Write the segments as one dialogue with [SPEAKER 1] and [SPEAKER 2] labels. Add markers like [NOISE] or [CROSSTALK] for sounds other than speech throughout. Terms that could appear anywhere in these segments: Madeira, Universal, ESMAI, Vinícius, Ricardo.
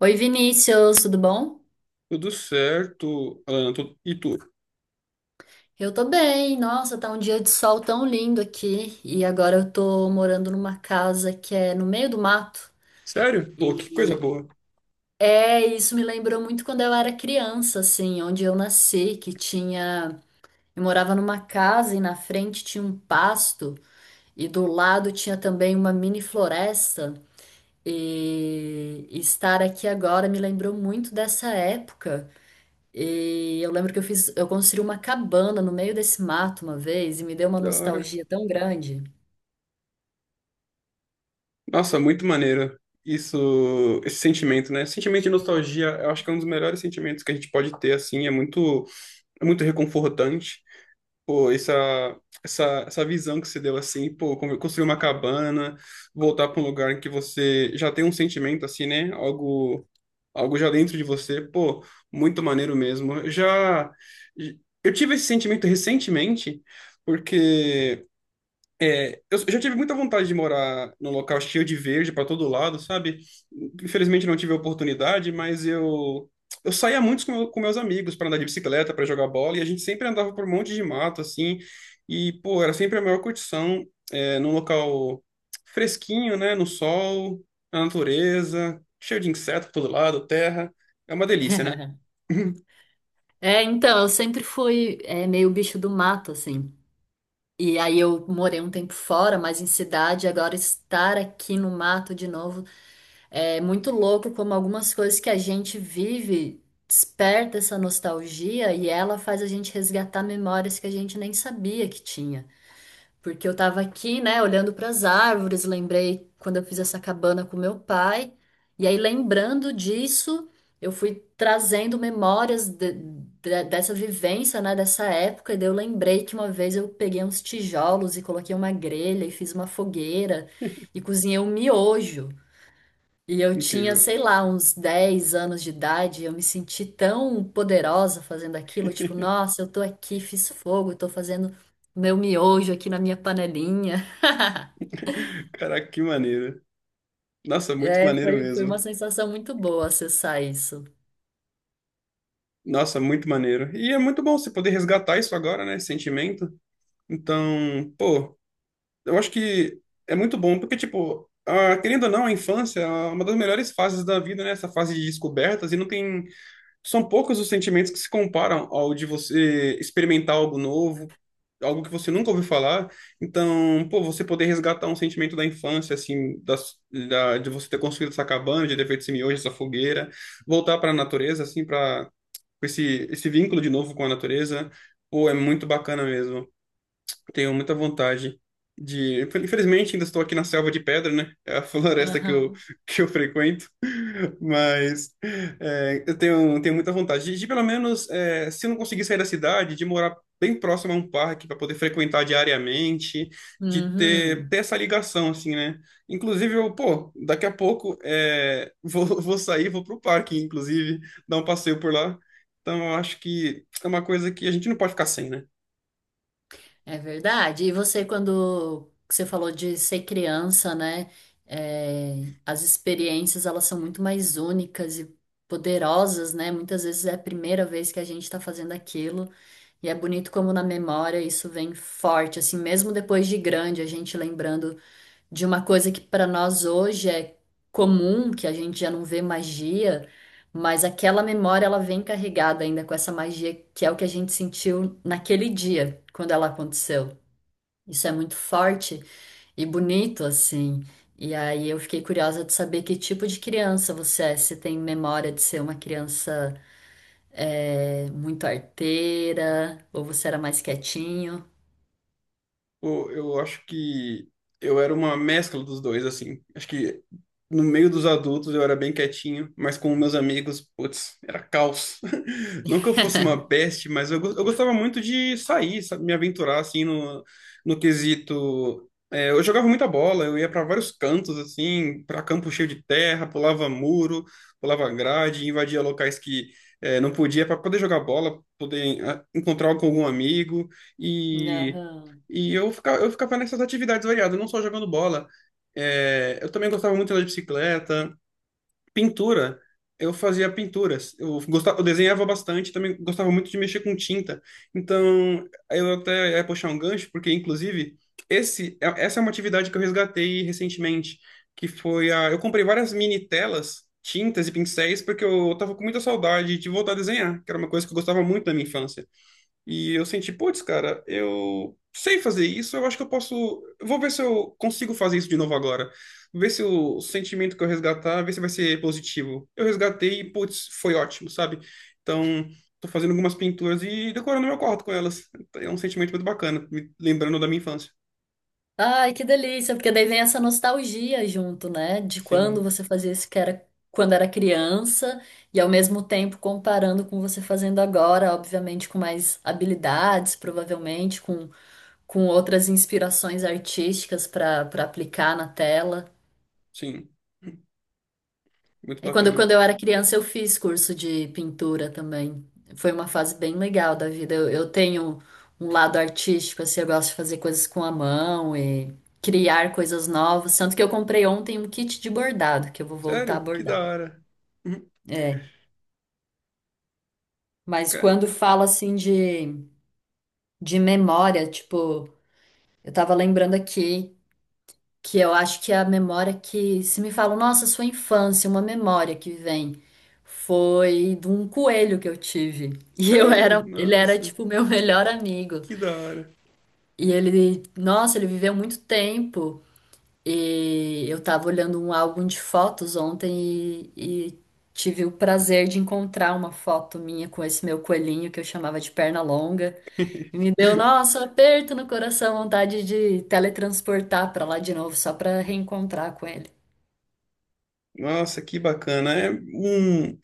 [SPEAKER 1] Oi, Vinícius, tudo bom?
[SPEAKER 2] Tudo certo, Alana, e tu?
[SPEAKER 1] Eu tô bem. Nossa, tá um dia de sol tão lindo aqui. E agora eu tô morando numa casa que é no meio do mato.
[SPEAKER 2] Sério? Pô, que coisa
[SPEAKER 1] E
[SPEAKER 2] boa.
[SPEAKER 1] isso me lembrou muito quando eu era criança, assim, onde eu nasci, que tinha. Eu morava numa casa e na frente tinha um pasto, e do lado tinha também uma mini floresta. E estar aqui agora me lembrou muito dessa época. E eu lembro que eu construí uma cabana no meio desse mato uma vez e me deu uma
[SPEAKER 2] Da hora.
[SPEAKER 1] nostalgia tão grande.
[SPEAKER 2] Nossa, muito maneiro. Isso, esse sentimento, né? Sentimento de nostalgia, eu acho que é um dos melhores sentimentos que a gente pode ter, assim, é muito reconfortante. Pô, essa visão que você deu, assim, pô, como construir uma cabana, voltar para um lugar em que você já tem um sentimento, assim, né? Algo já dentro de você, pô, muito maneiro mesmo. Eu tive esse sentimento recentemente, porque eu já tive muita vontade de morar num local cheio de verde para todo lado, sabe? Infelizmente não tive a oportunidade, mas eu saía muito com com meus amigos para andar de bicicleta, para jogar bola, e a gente sempre andava por um monte de mato assim, e pô, era sempre a maior curtição, num local fresquinho, né, no sol, na natureza, cheio de inseto por todo lado, terra. É uma delícia, né?
[SPEAKER 1] [LAUGHS] É, então, eu sempre fui, meio bicho do mato, assim. E aí eu morei um tempo fora, mas em cidade. Agora estar aqui no mato de novo é muito louco como algumas coisas que a gente vive desperta essa nostalgia, e ela faz a gente resgatar memórias que a gente nem sabia que tinha. Porque eu tava aqui, né, olhando para as árvores, lembrei quando eu fiz essa cabana com meu pai. E aí, lembrando disso, eu fui trazendo memórias dessa vivência, né, dessa época. E daí eu lembrei que uma vez eu peguei uns tijolos e coloquei uma grelha e fiz uma fogueira e
[SPEAKER 2] [LAUGHS]
[SPEAKER 1] cozinhei um miojo. E eu tinha,
[SPEAKER 2] Incrível.
[SPEAKER 1] sei lá, uns 10 anos de idade. Eu me senti tão poderosa fazendo aquilo, tipo, nossa, eu tô aqui, fiz fogo, tô fazendo meu miojo aqui na minha panelinha. [LAUGHS]
[SPEAKER 2] Caraca, que maneiro. Nossa, muito
[SPEAKER 1] É,
[SPEAKER 2] maneiro
[SPEAKER 1] foi uma
[SPEAKER 2] mesmo.
[SPEAKER 1] sensação muito boa acessar isso.
[SPEAKER 2] Nossa, muito maneiro. E é muito bom você poder resgatar isso agora, né? Esse sentimento. Então, pô, eu acho que é muito bom, porque, tipo, querendo ou não, a infância é uma das melhores fases da vida, né? Essa fase de descobertas, e não tem. São poucos os sentimentos que se comparam ao de você experimentar algo novo, algo que você nunca ouviu falar. Então, pô, você poder resgatar um sentimento da infância, assim, de você ter construído essa cabana, de ter feito esse miojo, essa fogueira, voltar para a natureza, assim, para com esse vínculo de novo com a natureza, pô, é muito bacana mesmo. Tenho muita vontade de. Infelizmente, ainda estou aqui na selva de pedra, né? É a [LAUGHS] floresta que eu,
[SPEAKER 1] Aham.
[SPEAKER 2] que eu frequento. [LAUGHS] Mas eu tenho, muita vontade de, pelo menos, se eu não conseguir sair da cidade, de morar bem próximo a um parque para poder frequentar diariamente, de ter,
[SPEAKER 1] Uhum.
[SPEAKER 2] ter essa ligação, assim, né? Inclusive, eu, pô, daqui a pouco [LAUGHS] vou sair, vou pro parque, inclusive, dar um passeio por lá. Então, eu acho que é uma coisa que a gente não pode ficar sem, né?
[SPEAKER 1] É verdade. E você, quando você falou de ser criança, né? As experiências, elas são muito mais únicas e poderosas, né? Muitas vezes é a primeira vez que a gente está fazendo aquilo. E é bonito como na memória isso vem forte, assim, mesmo depois de grande, a gente lembrando de uma coisa que para nós hoje é comum, que a gente já não vê magia, mas aquela memória, ela vem carregada ainda com essa magia, que é o que a gente sentiu naquele dia, quando ela aconteceu. Isso é muito forte e bonito assim. E aí eu fiquei curiosa de saber que tipo de criança você é. Você tem memória de ser uma criança muito arteira, ou você era mais quietinho?
[SPEAKER 2] Pô, eu acho que eu era uma mescla dos dois, assim. Acho que no meio dos adultos eu era bem quietinho, mas com meus amigos, putz, era caos. [LAUGHS] Não que eu fosse uma
[SPEAKER 1] [LAUGHS]
[SPEAKER 2] peste, mas eu gostava muito de sair, sabe, me aventurar, assim, no quesito. É, eu jogava muita bola, eu ia para vários cantos, assim, para campo cheio de terra, pulava muro, pulava grade, invadia locais não podia para poder jogar bola, poder encontrar com algum amigo e
[SPEAKER 1] Aham.
[SPEAKER 2] e eu ficava nessas atividades variadas, não só jogando bola. Eu também gostava muito de andar de bicicleta, pintura. Eu fazia pinturas. Eu gostava, eu desenhava bastante, também gostava muito de mexer com tinta. Então, eu até ia puxar um gancho, porque inclusive essa é uma atividade que eu resgatei recentemente, eu comprei várias mini telas, tintas e pincéis, porque eu tava com muita saudade de voltar a desenhar, que era uma coisa que eu gostava muito da minha infância. E eu senti, putz, cara, eu sei fazer isso, eu acho que eu posso. Eu Vou ver se eu consigo fazer isso de novo agora. Ver se o sentimento que eu resgatar, ver se vai ser positivo. Eu resgatei e, putz, foi ótimo, sabe? Então, tô fazendo algumas pinturas e decorando meu quarto com elas. É um sentimento muito bacana, me lembrando da minha infância.
[SPEAKER 1] Ai, que delícia, porque daí vem essa nostalgia junto, né? De quando
[SPEAKER 2] Sim,
[SPEAKER 1] você fazia isso, que era quando era criança, e ao mesmo tempo comparando com você fazendo agora, obviamente com mais habilidades, provavelmente com outras inspirações artísticas para aplicar na tela.
[SPEAKER 2] sim. Muito
[SPEAKER 1] É, quando,
[SPEAKER 2] bacana.
[SPEAKER 1] quando eu era criança, eu fiz curso de pintura também. Foi uma fase bem legal da vida. Eu tenho um lado artístico, assim. Eu gosto de fazer coisas com a mão e criar coisas novas. Tanto que eu comprei ontem um kit de bordado, que eu vou voltar a
[SPEAKER 2] Sério? Que
[SPEAKER 1] bordar.
[SPEAKER 2] da hora. Uhum.
[SPEAKER 1] É. Mas quando
[SPEAKER 2] Caraca.
[SPEAKER 1] fala assim de memória, tipo, eu tava lembrando aqui. Que eu acho que é a memória que, se me falam, nossa, sua infância, uma memória que vem, foi de um coelho que eu tive. E eu
[SPEAKER 2] Sério?
[SPEAKER 1] era, ele era
[SPEAKER 2] Nossa,
[SPEAKER 1] tipo meu [LAUGHS] melhor amigo.
[SPEAKER 2] que da hora.
[SPEAKER 1] E ele, nossa, ele viveu muito tempo. E eu estava olhando um álbum de fotos ontem e tive o prazer de encontrar uma foto minha com esse meu coelhinho, que eu chamava de perna longa. E me
[SPEAKER 2] [LAUGHS]
[SPEAKER 1] deu, nossa, um aperto no coração, vontade de teletransportar para lá de novo, só para reencontrar com ele.
[SPEAKER 2] Nossa, que bacana.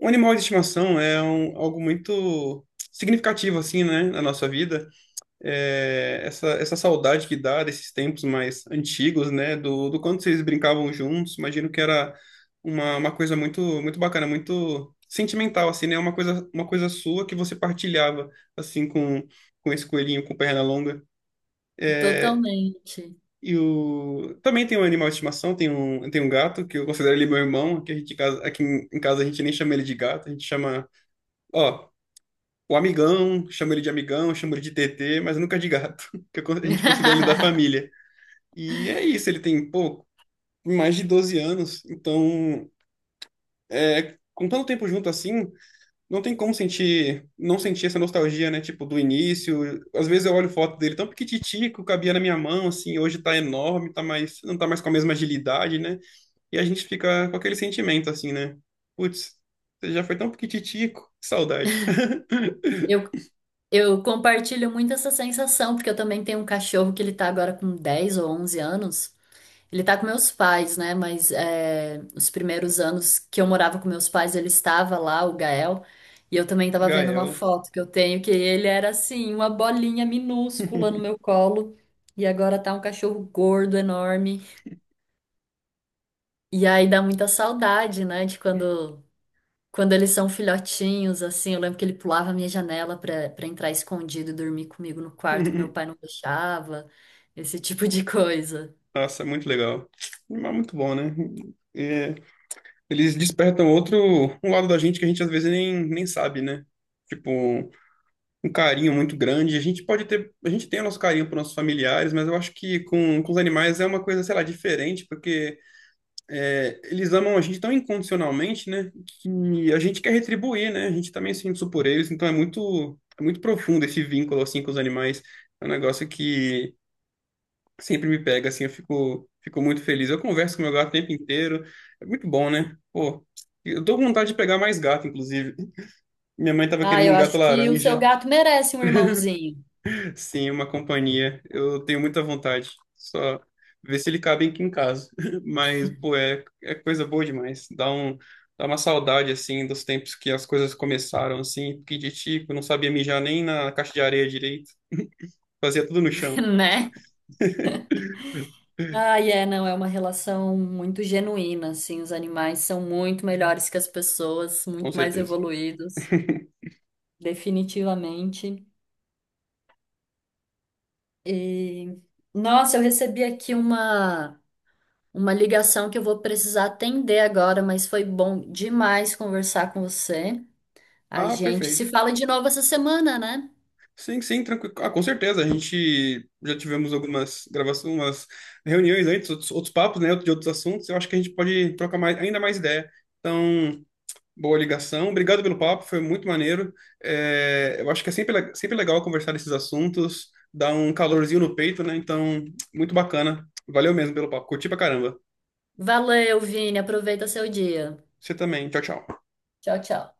[SPEAKER 2] Um animal de estimação é algo muito significativo, assim, né, na nossa vida. É, essa saudade que dá desses tempos mais antigos, né, do quanto vocês brincavam juntos, imagino que era uma coisa muito, muito bacana, muito sentimental, assim, né, uma coisa sua que você partilhava, assim, com esse coelhinho com perna longa.
[SPEAKER 1] Totalmente.
[SPEAKER 2] Também tem um animal de estimação, tem um gato, que eu considero ele meu irmão, que a gente, aqui em casa a gente nem chama ele de gato, a gente chama. Ó, o amigão, chamo ele de amigão, chamo ele de TT, mas nunca de gato, [LAUGHS] a gente considera ele da
[SPEAKER 1] [LAUGHS]
[SPEAKER 2] família. E é isso, ele tem, pô, mais de 12 anos, então, com tanto tempo junto assim, não tem como sentir, não sentir essa nostalgia, né, tipo, do início. Às vezes eu olho foto dele tão pequititico, cabia na minha mão, assim, hoje tá enorme, tá mais, não tá mais com a mesma agilidade, né, e a gente fica com aquele sentimento, assim, né, putz, você já foi tão pequititico, que saudade. [LAUGHS]
[SPEAKER 1] Eu, eu compartilho muito essa sensação, porque eu também tenho um cachorro que ele tá agora com 10 ou 11 anos. Ele tá com meus pais, né? Mas é, os primeiros anos que eu morava com meus pais, ele estava lá, o Gael. E eu também tava vendo uma
[SPEAKER 2] Gael.
[SPEAKER 1] foto que eu tenho, que ele era assim, uma bolinha minúscula no meu colo. E agora tá um cachorro gordo, enorme. E aí dá muita saudade, né? De quando, quando eles são filhotinhos, assim. Eu lembro que ele pulava a minha janela pra entrar escondido e dormir comigo no quarto, que meu pai
[SPEAKER 2] [LAUGHS]
[SPEAKER 1] não deixava. Esse tipo de coisa.
[SPEAKER 2] Nossa, é muito legal. Mas muito bom, né? É, eles despertam outro um lado da gente que a gente às vezes nem sabe, né? Tipo, um carinho muito grande. A gente tem o nosso carinho para nossos familiares, mas eu acho que com os animais é uma coisa, sei lá, diferente, porque eles amam a gente tão incondicionalmente, né? Que a gente quer retribuir, né? A gente também sente isso por eles, então é muito profundo esse vínculo assim com os animais. É um negócio que sempre me pega, assim, eu fico, muito feliz. Eu converso com meu gato o tempo inteiro, é muito bom, né? Pô, eu tô com vontade de pegar mais gato, inclusive. Minha mãe tava
[SPEAKER 1] Ah,
[SPEAKER 2] querendo
[SPEAKER 1] eu
[SPEAKER 2] um gato
[SPEAKER 1] acho que o seu
[SPEAKER 2] laranja,
[SPEAKER 1] gato merece um irmãozinho.
[SPEAKER 2] [LAUGHS] sim, uma companhia. Eu tenho muita vontade, só ver se ele cabe aqui em casa. [LAUGHS] Mas, pô, é coisa boa demais. Dá uma saudade, assim, dos tempos que as coisas começaram, assim, piquititico, não sabia mijar nem na caixa de areia direito, fazia tudo no
[SPEAKER 1] [LAUGHS]
[SPEAKER 2] chão,
[SPEAKER 1] Né? Ai, é, não, é uma relação muito genuína, assim. Os animais são muito melhores que as pessoas,
[SPEAKER 2] com
[SPEAKER 1] muito mais
[SPEAKER 2] certeza.
[SPEAKER 1] evoluídos, definitivamente. E, nossa, eu recebi aqui uma ligação que eu vou precisar atender agora, mas foi bom demais conversar com você. A
[SPEAKER 2] Ah,
[SPEAKER 1] gente se
[SPEAKER 2] perfeito.
[SPEAKER 1] fala de novo essa semana, né?
[SPEAKER 2] Sim, sim, tranquilo. Ah, com certeza. A gente já tivemos algumas gravações, umas reuniões antes, outros papos, né, de outros assuntos. Eu acho que a gente pode trocar mais, ainda mais ideia. Então, boa ligação. Obrigado pelo papo, foi muito maneiro. É, eu acho que é sempre legal conversar desses assuntos, dá um calorzinho no peito, né? Então, muito bacana. Valeu mesmo pelo papo. Curti pra caramba.
[SPEAKER 1] Valeu, Vini, aproveita seu dia.
[SPEAKER 2] Você também. Tchau, tchau.
[SPEAKER 1] Tchau, tchau.